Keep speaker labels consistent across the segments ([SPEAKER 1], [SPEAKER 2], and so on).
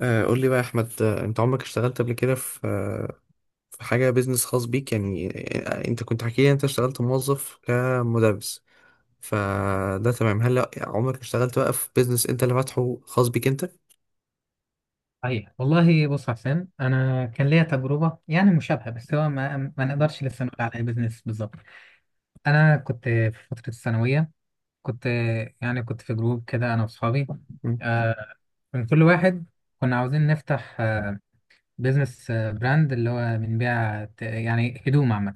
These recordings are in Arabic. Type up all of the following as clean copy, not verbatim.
[SPEAKER 1] قول لي بقى يا احمد، انت عمرك اشتغلت قبل كده في حاجه بيزنس خاص بيك يعني. انت كنت حكي لي انت اشتغلت موظف كمدرس. فده تمام. هل عمرك اشتغلت بقى في بيزنس انت اللي فاتحه خاص بيك انت؟
[SPEAKER 2] صحيح والله. بص يا حسين، انا كان ليا تجربه يعني مشابهه، بس هو ما نقدرش لسه نقول عليها بزنس بالظبط. انا كنت في فتره الثانويه. كنت كنت في جروب كده انا واصحابي.
[SPEAKER 1] مم.
[SPEAKER 2] آه، من كل واحد كنا عاوزين نفتح، بيزنس، براند اللي هو بنبيع يعني هدوم عامه.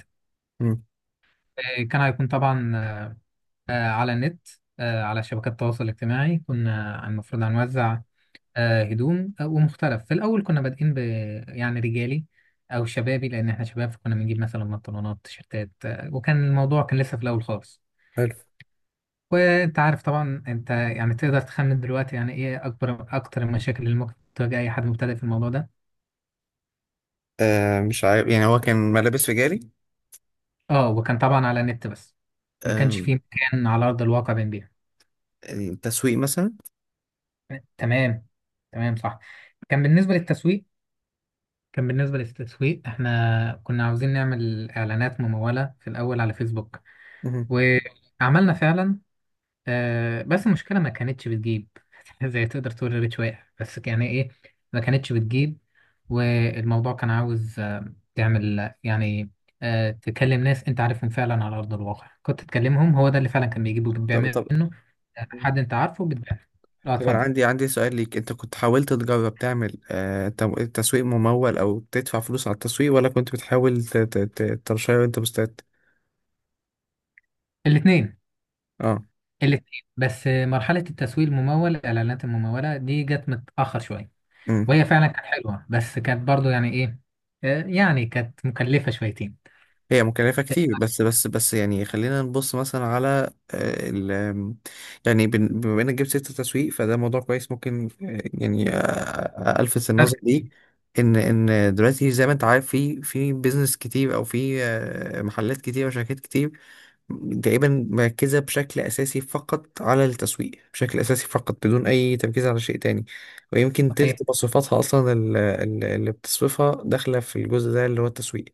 [SPEAKER 1] مم.
[SPEAKER 2] كان هيكون طبعا على النت، على شبكات التواصل الاجتماعي. كنا المفروض هنوزع هدوم ومختلف. في الأول كنا بادئين يعني رجالي أو شبابي، لأن إحنا شباب، فكنا بنجيب مثلا بنطلونات تيشيرتات، وكان الموضوع كان لسه في الأول خالص.
[SPEAKER 1] حلو.
[SPEAKER 2] وأنت عارف طبعا، أنت يعني تقدر تخمن دلوقتي يعني إيه أكتر المشاكل اللي ممكن تواجه أي حد مبتدئ في الموضوع ده.
[SPEAKER 1] مش عارف يعني هو كان ملابس رجالي.
[SPEAKER 2] أه، وكان طبعا على النت بس، ما كانش
[SPEAKER 1] آه
[SPEAKER 2] فيه مكان على أرض الواقع بنبيع.
[SPEAKER 1] تسويق مثلا؟
[SPEAKER 2] تمام، تمام، صح. كان بالنسبة للتسويق كان بالنسبة للتسويق إحنا كنا عاوزين نعمل إعلانات ممولة في الأول على فيسبوك.
[SPEAKER 1] مهم.
[SPEAKER 2] وعملنا فعلا، بس المشكلة ما كانتش بتجيب. زي تقدر تقول الريتش واقع، بس يعني ايه، ما كانتش بتجيب. والموضوع كان عاوز تعمل يعني تكلم ناس انت عارفهم فعلا على ارض الواقع، كنت تكلمهم، هو ده اللي فعلا كان بيجيب وبتبيع
[SPEAKER 1] طب طب
[SPEAKER 2] منه، حد انت عارفه بتبيع. اه،
[SPEAKER 1] طب أنا
[SPEAKER 2] اتفضل.
[SPEAKER 1] عندي سؤال ليك، انت كنت حاولت تجرب تعمل تسويق ممول او تدفع فلوس على التسويق، ولا كنت بتحاول ترشيه وانت مستعد؟
[SPEAKER 2] الاثنين،
[SPEAKER 1] اه.
[SPEAKER 2] الاثنين، بس مرحلة التسويق الممول، الاعلانات الممولة دي جت متأخر شوية.
[SPEAKER 1] امم
[SPEAKER 2] وهي فعلا كانت حلوة، بس كانت برضو يعني ايه، يعني كانت مكلفة شويتين.
[SPEAKER 1] هي مكلفة كتير، بس بس يعني خلينا نبص مثلا على آه، ال آم، يعني، بما انك جبت سيرة التسويق، فده موضوع كويس ممكن يعني الفت
[SPEAKER 2] فرق
[SPEAKER 1] النظر ليه.
[SPEAKER 2] كتير.
[SPEAKER 1] ان دلوقتي زي ما انت عارف، في بيزنس كتير او في محلات كتير وشركات كتير تقريبا مركزة بشكل اساسي فقط على التسويق، بشكل اساسي فقط بدون اي تركيز على شيء تاني، ويمكن
[SPEAKER 2] صحيح.
[SPEAKER 1] تلت مصروفاتها اصلا اللي بتصرفها داخلة في الجزء ده اللي هو التسويق.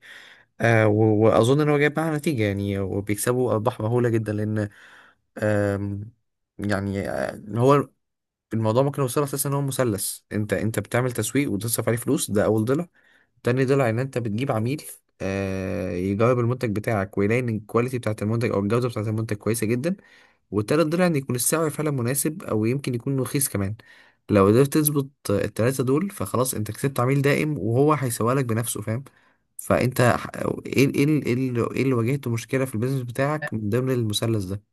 [SPEAKER 1] واظن ان هو جايب معاه نتيجه يعني، وبيكسبوا ارباح مهوله جدا، لان آم، يعني هو الموضوع ممكن يوصل اساسا ان هو مثلث. انت بتعمل تسويق وتصرف عليه فلوس، ده اول ضلع. تاني ضلع ان انت بتجيب عميل يجرب المنتج بتاعك ويلاقي ان الكواليتي بتاعت المنتج او الجوده بتاعت المنتج كويسه جدا. والتالت ضلع ان يكون السعر فعلا مناسب او يمكن يكون رخيص كمان. لو قدرت تظبط التلاتة دول فخلاص انت كسبت عميل دائم وهو هيسوق لك بنفسه، فاهم؟ فانت ح- ايه اللي واجهته مشكلة في البيزنس بتاعك من ضمن المثلث ده؟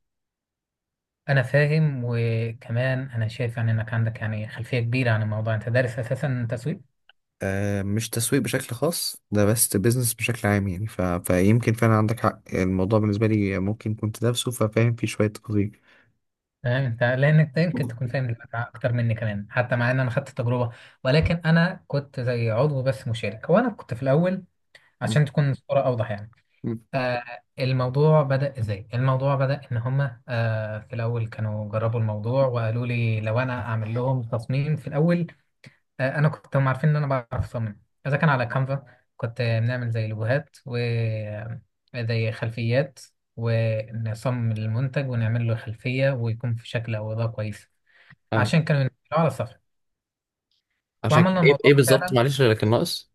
[SPEAKER 2] انا فاهم، وكمان انا شايف يعني انك عندك يعني خلفيه كبيره عن الموضوع. انت دارس اساسا تسويق.
[SPEAKER 1] مش تسويق بشكل خاص ده، بس بيزنس بشكل عام يعني. فيمكن فعلا عندك حق، الموضوع بالنسبة لي ممكن كنت دارسه ففاهم فيه شوية تفاصيل.
[SPEAKER 2] تمام. انت لانك أنت يمكن تكون فاهم دلوقتي اكتر مني كمان، حتى مع ان انا خدت التجربه، ولكن انا كنت زي عضو بس مشارك، وانا كنت في الاول،
[SPEAKER 1] مم.
[SPEAKER 2] عشان تكون الصوره اوضح يعني.
[SPEAKER 1] مم.
[SPEAKER 2] آه، الموضوع بدأ ازاي؟ الموضوع بدأ ان هما في الاول كانوا جربوا الموضوع، وقالوا لي لو انا اعمل لهم تصميم في الاول. انا كنت هم عارفين ان انا بعرف اصمم اذا كان على كانفا. كنت بنعمل زي لوجوهات وزي خلفيات، ونصمم المنتج ونعمل له خلفية، ويكون في شكل او اضاءة كويس،
[SPEAKER 1] فاهم.
[SPEAKER 2] عشان كانوا ينزلوه على الصفحة.
[SPEAKER 1] عشان كده
[SPEAKER 2] وعملنا
[SPEAKER 1] ايه؟
[SPEAKER 2] الموضوع فعلا
[SPEAKER 1] بذلك الناقص.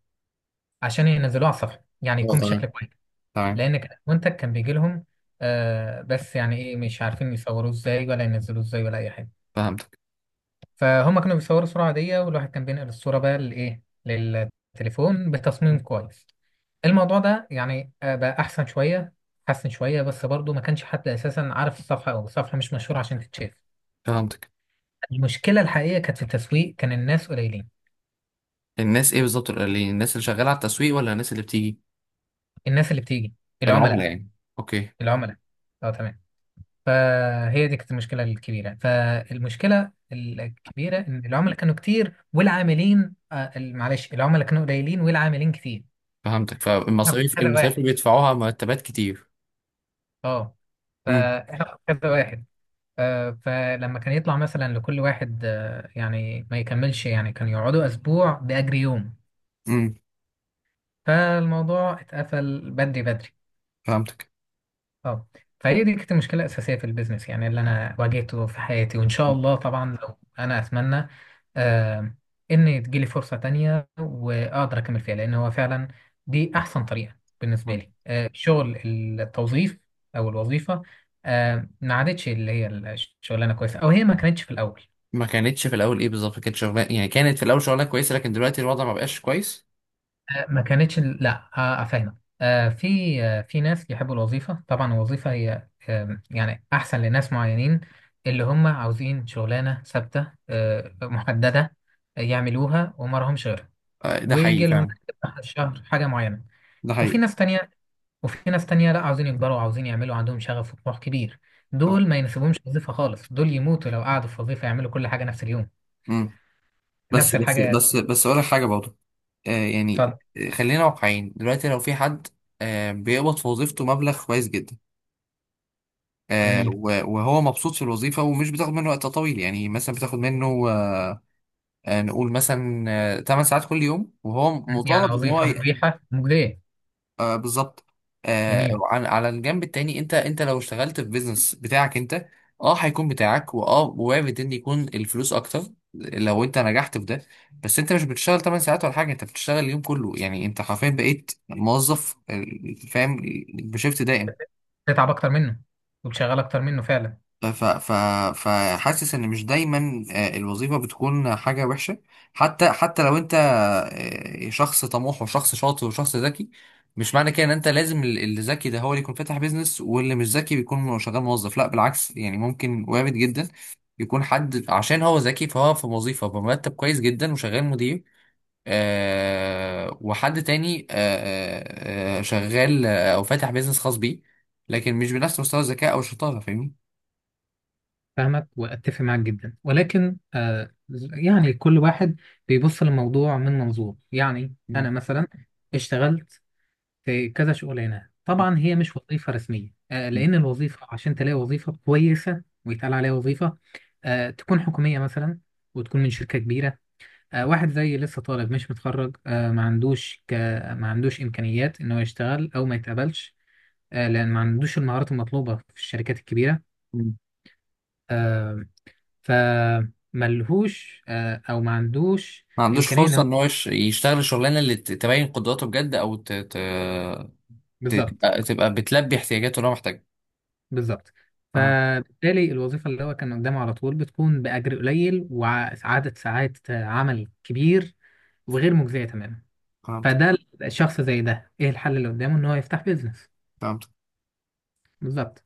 [SPEAKER 2] عشان ينزلوه على الصفحة يعني
[SPEAKER 1] اه
[SPEAKER 2] يكون بشكل
[SPEAKER 1] تمام.
[SPEAKER 2] كويس.
[SPEAKER 1] تمام.
[SPEAKER 2] لان المنتج كان بيجي لهم، آه، بس يعني ايه، مش عارفين يصوروه ازاي ولا ينزلوه ازاي ولا اي حاجه.
[SPEAKER 1] فهمتك.
[SPEAKER 2] فهم كانوا بيصوروا صوره عاديه، والواحد كان بينقل الصوره بقى لايه للتليفون بتصميم كويس. الموضوع ده يعني بقى احسن شويه، بس برضو ما كانش حد اساسا عارف الصفحه، او الصفحه مش مشهوره عشان تتشاف.
[SPEAKER 1] فهمتك.
[SPEAKER 2] المشكله الحقيقيه كانت في التسويق، كان الناس قليلين.
[SPEAKER 1] الناس ايه بالظبط، الناس اللي شغاله على التسويق ولا الناس اللي بتيجي؟
[SPEAKER 2] الناس اللي بتيجي،
[SPEAKER 1] العملاء
[SPEAKER 2] العملاء.
[SPEAKER 1] يعني. اوكي.
[SPEAKER 2] العملاء. اه تمام. فهي دي كانت المشكلة الكبيرة. فالمشكلة الكبيرة إن العملاء كانوا كتير والعاملين معلش، العملاء كانوا قليلين والعاملين كتير.
[SPEAKER 1] فهمتك،
[SPEAKER 2] احنا كنا
[SPEAKER 1] فالمصاريف،
[SPEAKER 2] كذا واحد.
[SPEAKER 1] اللي بيدفعوها مرتبات كتير.
[SPEAKER 2] اه،
[SPEAKER 1] امم
[SPEAKER 2] فاحنا كنا كذا واحد. فلما كان يطلع مثلا لكل واحد، يعني ما يكملش، يعني كانوا يقعدوا أسبوع بأجر يوم.
[SPEAKER 1] امم
[SPEAKER 2] فالموضوع اتقفل بدري بدري.
[SPEAKER 1] فهمتك.
[SPEAKER 2] اه، فهي دي كانت المشكله الاساسيه في البيزنس يعني، اللي انا واجهته في حياتي. وان شاء الله طبعا لو انا اتمنى آه ان تجيلي فرصه تانية واقدر اكمل فيها، لان هو فعلا دي احسن طريقه بالنسبه
[SPEAKER 1] مم.
[SPEAKER 2] لي. شغل التوظيف او الوظيفه ما عادتش اللي هي الشغلانه كويسه، او هي ما كانتش في الاول.
[SPEAKER 1] ما كانتش في الاول ايه بالظبط؟ كانت شغلانه يعني كانت في الاول شغلانه كويسه، لكن دلوقتي الوضع ما بقاش كويس؟
[SPEAKER 2] ما كانتش، لا. افهمك. آه، في في ناس يحبوا الوظيفه. طبعا الوظيفه هي، يعني احسن لناس معينين، اللي هم عاوزين شغلانه ثابته محدده يعملوها وما لهمش غيرها،
[SPEAKER 1] ده حقيقي
[SPEAKER 2] ويجي لهم
[SPEAKER 1] فعلا.
[SPEAKER 2] آخر الشهر حاجه معينه.
[SPEAKER 1] ده
[SPEAKER 2] وفي
[SPEAKER 1] حقيقي.
[SPEAKER 2] ناس تانية، لا عاوزين يكبروا، عاوزين يعملوا، عندهم شغف وطموح كبير.
[SPEAKER 1] صح.
[SPEAKER 2] دول ما يناسبهمش وظيفه خالص، دول يموتوا لو قعدوا في وظيفه يعملوا كل حاجه نفس اليوم.
[SPEAKER 1] امم بس
[SPEAKER 2] نفس
[SPEAKER 1] بس
[SPEAKER 2] الحاجه.
[SPEAKER 1] بس بس اقول لك حاجه برضه. يعني
[SPEAKER 2] اتفضل.
[SPEAKER 1] خلينا واقعيين دلوقتي. لو في حد بيقبض في وظيفته مبلغ كويس جدا،
[SPEAKER 2] جميل.
[SPEAKER 1] وهو مبسوط في الوظيفة ومش بتاخد منه وقت طويل، يعني مثلا بتاخد منه نقول مثلا 8 ساعات كل يوم، وهو
[SPEAKER 2] يعني
[SPEAKER 1] مطالب ان هو
[SPEAKER 2] وظيفه مريحه مجديه.
[SPEAKER 1] بالظبط.
[SPEAKER 2] جميل.
[SPEAKER 1] على الجنب التاني، انت لو اشتغلت في بيزنس بتاعك انت، اه هيكون بتاعك، واه وارد ان يكون الفلوس اكتر لو انت نجحت في ده، بس انت مش بتشتغل 8 ساعات ولا حاجة، انت بتشتغل اليوم كله، يعني انت حرفيا بقيت موظف فاهم، بشيفت دائم.
[SPEAKER 2] تتعب اكتر منه وتشغل اكتر منه فعلا.
[SPEAKER 1] ف ف فحاسس ان مش دايما الوظيفه بتكون حاجه وحشه. حتى لو انت شخص طموح وشخص شاطر وشخص ذكي، مش معنى كده ان انت لازم اللي ذكي ده هو اللي يكون فاتح بيزنس واللي مش ذكي بيكون شغال موظف. لا بالعكس، يعني ممكن وارد جدا يكون حد عشان هو ذكي فهو في وظيفه بمرتب كويس جدا وشغال مدير، وحد تاني شغال او فاتح بيزنس خاص بيه، لكن مش بنفس مستوى الذكاء او الشطاره، فاهمني؟
[SPEAKER 2] فاهمك واتفق معاك جدا، ولكن يعني كل واحد بيبص للموضوع من منظور. يعني
[SPEAKER 1] مم.
[SPEAKER 2] انا مثلا اشتغلت في كذا شغلانه، طبعا هي مش وظيفه رسميه. آه،
[SPEAKER 1] مم.
[SPEAKER 2] لان الوظيفه عشان تلاقي وظيفه كويسه ويتقال عليها وظيفه تكون حكوميه مثلا، وتكون من شركه كبيره. آه، واحد زي لسه طالب مش متخرج، آه ما عندوش امكانيات انه يشتغل او ما يتقبلش، آه، لان ما عندوش المهارات المطلوبه في الشركات الكبيره. آه، فملهوش او ما عندوش
[SPEAKER 1] ما عندوش
[SPEAKER 2] امكانيه ان
[SPEAKER 1] فرصة
[SPEAKER 2] هو.
[SPEAKER 1] ان هو يشتغل الشغلانة اللي تبين قدراته بجد، او
[SPEAKER 2] بالظبط.
[SPEAKER 1] تبقى بتلبي احتياجاته اللي هو محتاجها.
[SPEAKER 2] بالظبط.
[SPEAKER 1] اها.
[SPEAKER 2] فبالتالي الوظيفه اللي هو كان قدامه على طول بتكون باجر قليل وعدد ساعات عمل كبير، وغير مجزيه تماما.
[SPEAKER 1] فهمت.
[SPEAKER 2] فده الشخص زي ده ايه الحل اللي قدامه؟ ان هو يفتح بيزنس.
[SPEAKER 1] فهمت.
[SPEAKER 2] بالظبط.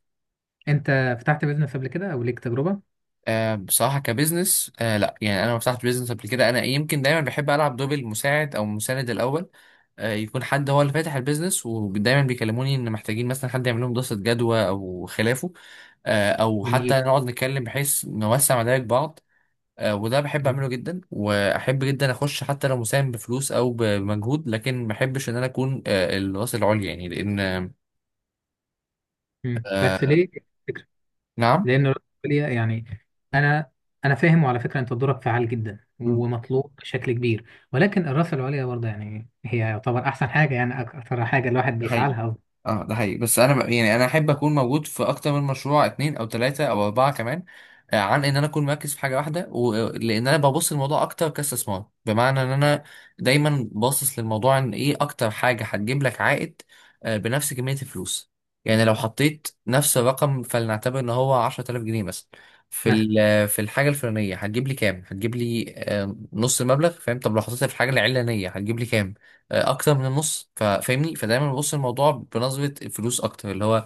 [SPEAKER 2] انت فتحت بيزنس قبل كده او ليك تجربه؟
[SPEAKER 1] بصراحة كبزنس، لا، يعني أنا ما فتحت بزنس قبل كده، أنا يمكن دايما بحب ألعب دور المساعد أو المساند الأول. يكون حد هو اللي فاتح البيزنس ودايما بيكلموني إن محتاجين مثلا حد يعمل لهم دراسة جدوى أو خلافه، أو حتى
[SPEAKER 2] جميل.
[SPEAKER 1] نقعد نتكلم بحيث نوسع مدارك بعض. وده بحب
[SPEAKER 2] جميل.
[SPEAKER 1] اعمله جدا، واحب جدا اخش حتى لو مساهم بفلوس او بمجهود، لكن ما احبش ان انا اكون الراس العليا يعني، لان
[SPEAKER 2] مم. بس
[SPEAKER 1] آه،
[SPEAKER 2] ليه؟
[SPEAKER 1] نعم.
[SPEAKER 2] لان الرأسمالية يعني، انا انا فاهم. وعلى فكره انت دورك فعال جدا ومطلوب بشكل كبير، ولكن الرأس العليا برضه يعني هي يعتبر احسن حاجه، يعني اكثر حاجه الواحد
[SPEAKER 1] ده
[SPEAKER 2] بيسعى
[SPEAKER 1] حقيقي.
[SPEAKER 2] لها.
[SPEAKER 1] اه، ده حقيقي، بس انا يعني انا احب اكون موجود في اكتر من مشروع، اتنين او تلاتة او اربعة كمان، عن ان انا اكون مركز في حاجة واحدة، لان انا ببص للموضوع اكتر كاستثمار، بمعنى ان انا دايما باصص للموضوع ان ايه اكتر حاجة هتجيب لك عائد بنفس كمية الفلوس. يعني لو حطيت نفس الرقم، فلنعتبر ان هو 10,000 جنيه مثلا، في
[SPEAKER 2] مثلا.
[SPEAKER 1] في الحاجة الفلانية، هتجيب لي كام؟ هتجيب لي نص المبلغ، فاهم؟ طب لو حطيتها في الحاجة العلانية، هتجيب لي كام؟ اكتر من النص، فاهمني؟ فدايما ببص الموضوع بنظره الفلوس اكتر اللي هو آه،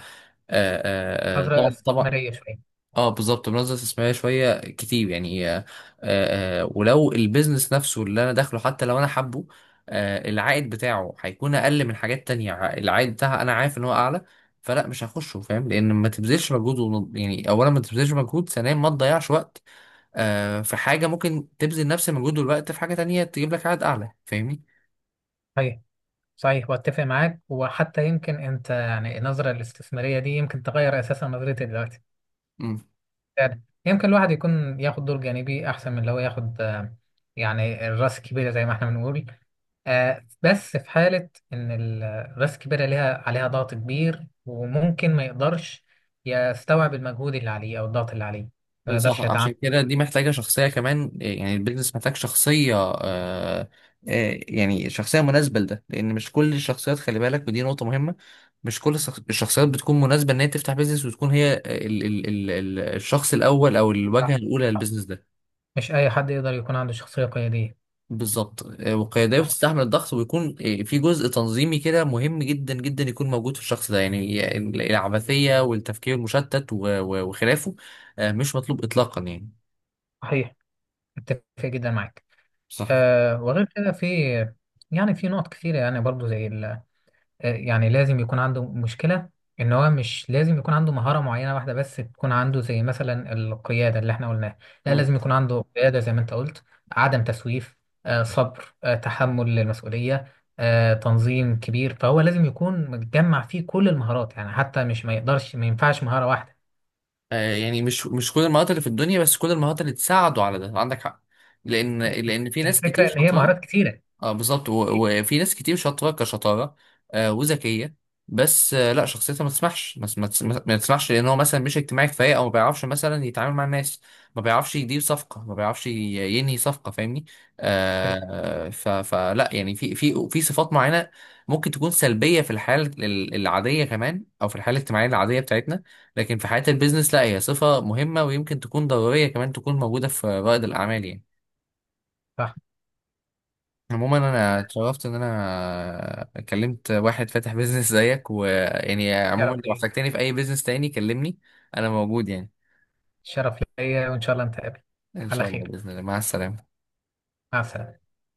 [SPEAKER 1] آه، آه،
[SPEAKER 2] نظرة
[SPEAKER 1] طبعا طبعا.
[SPEAKER 2] استثمارية شوية.
[SPEAKER 1] اه بالظبط، بنظره استثماريه شويه كتير يعني، ولو البيزنس نفسه اللي انا داخله، حتى لو انا حابه، العائد بتاعه هيكون اقل من حاجات تانية، العائد بتاعها انا عارف ان هو اعلى، فلا مش هخشه، فاهم؟ لان ما تبذلش مجهود، يعني اولا ما تبذلش مجهود، ثانيا ما تضيعش وقت، في حاجه ممكن تبذل نفس المجهود والوقت في حاجه تانية تجيب لك عائد اعلى، فاهمني؟
[SPEAKER 2] صحيح. صحيح واتفق معاك، وحتى يمكن انت يعني النظرة الاستثمارية دي يمكن تغير اساسا نظرتي دلوقتي. فعلا يمكن الواحد يكون ياخد دور جانبي احسن من اللي هو ياخد، يعني الراس الكبيرة زي ما احنا بنقول. بس في حالة إن الراس الكبيرة ليها عليها ضغط كبير، وممكن ما يقدرش يستوعب المجهود اللي عليه أو الضغط اللي عليه، ما
[SPEAKER 1] صح.
[SPEAKER 2] يقدرش يتعامل.
[SPEAKER 1] عشان كده دي محتاجة شخصية كمان، يعني البيزنس محتاج شخصية يعني شخصية مناسبة لده، لأن مش كل الشخصيات، خلي بالك ودي نقطة مهمة، مش كل الشخصيات بتكون مناسبة إن هي تفتح بيزنس وتكون هي ال ال ال ال الشخص الأول أو الواجهة
[SPEAKER 2] صح.
[SPEAKER 1] الأولى للبيزنس ده.
[SPEAKER 2] مش أي حد يقدر يكون عنده شخصية قيادية.
[SPEAKER 1] بالظبط. والقيادية
[SPEAKER 2] آه،
[SPEAKER 1] بتستحمل الضغط ويكون في جزء تنظيمي كده مهم جدا جدا يكون موجود في الشخص ده، يعني العبثية والتفكير المشتت وخلافه مش مطلوب إطلاقا يعني.
[SPEAKER 2] صحيح. أتفق جدا معاك.
[SPEAKER 1] صح.
[SPEAKER 2] أه، وغير كده في نقط كثيرة، يعني برضو زي ال آه، يعني لازم يكون عنده مشكلة، ان هو مش لازم يكون عنده مهارة معينة واحدة بس، تكون عنده زي مثلا القيادة اللي احنا قلناها. لا، لازم يكون عنده قيادة زي ما انت قلت، عدم تسويف، صبر، تحمل للمسؤولية، تنظيم كبير. فهو لازم يكون متجمع فيه كل المهارات، يعني حتى مش، ما يقدرش، ما ينفعش مهارة واحدة.
[SPEAKER 1] يعني مش كل المهارات اللي في الدنيا، بس كل المهارات اللي تساعده على ده، عندك حق، لان في ناس
[SPEAKER 2] الفكرة
[SPEAKER 1] كتير
[SPEAKER 2] ان هي
[SPEAKER 1] شاطره.
[SPEAKER 2] مهارات كتيرة.
[SPEAKER 1] اه بالظبط، وفي ناس كتير شاطره كشطاره وذكيه، بس لا شخصيتها ما تسمحش، ما تسمحش، لان هو مثلا مش اجتماعي كفايه او ما بيعرفش مثلا يتعامل مع الناس، ما بيعرفش يدير صفقه، ما بيعرفش ينهي صفقه، فاهمني؟
[SPEAKER 2] صحيح.
[SPEAKER 1] آه ف فلا يعني في صفات معينه ممكن تكون سلبيه في الحياه العاديه كمان او في الحياه الاجتماعيه العاديه بتاعتنا، لكن في حياه البيزنس لا، هي صفه مهمه ويمكن تكون ضروريه كمان تكون موجوده في رائد الاعمال يعني.
[SPEAKER 2] صح.
[SPEAKER 1] عموما انا اتشرفت ان انا كلمت واحد فاتح بيزنس زيك، ويعني عموما
[SPEAKER 2] شرف
[SPEAKER 1] لو
[SPEAKER 2] ليا.
[SPEAKER 1] احتجتني في اي بيزنس تاني كلمني، انا موجود يعني.
[SPEAKER 2] شرف ليا، وان شاء الله نتقابل
[SPEAKER 1] ان
[SPEAKER 2] على
[SPEAKER 1] شاء الله،
[SPEAKER 2] خير.
[SPEAKER 1] باذن الله، مع السلامه.
[SPEAKER 2] مع السلامة.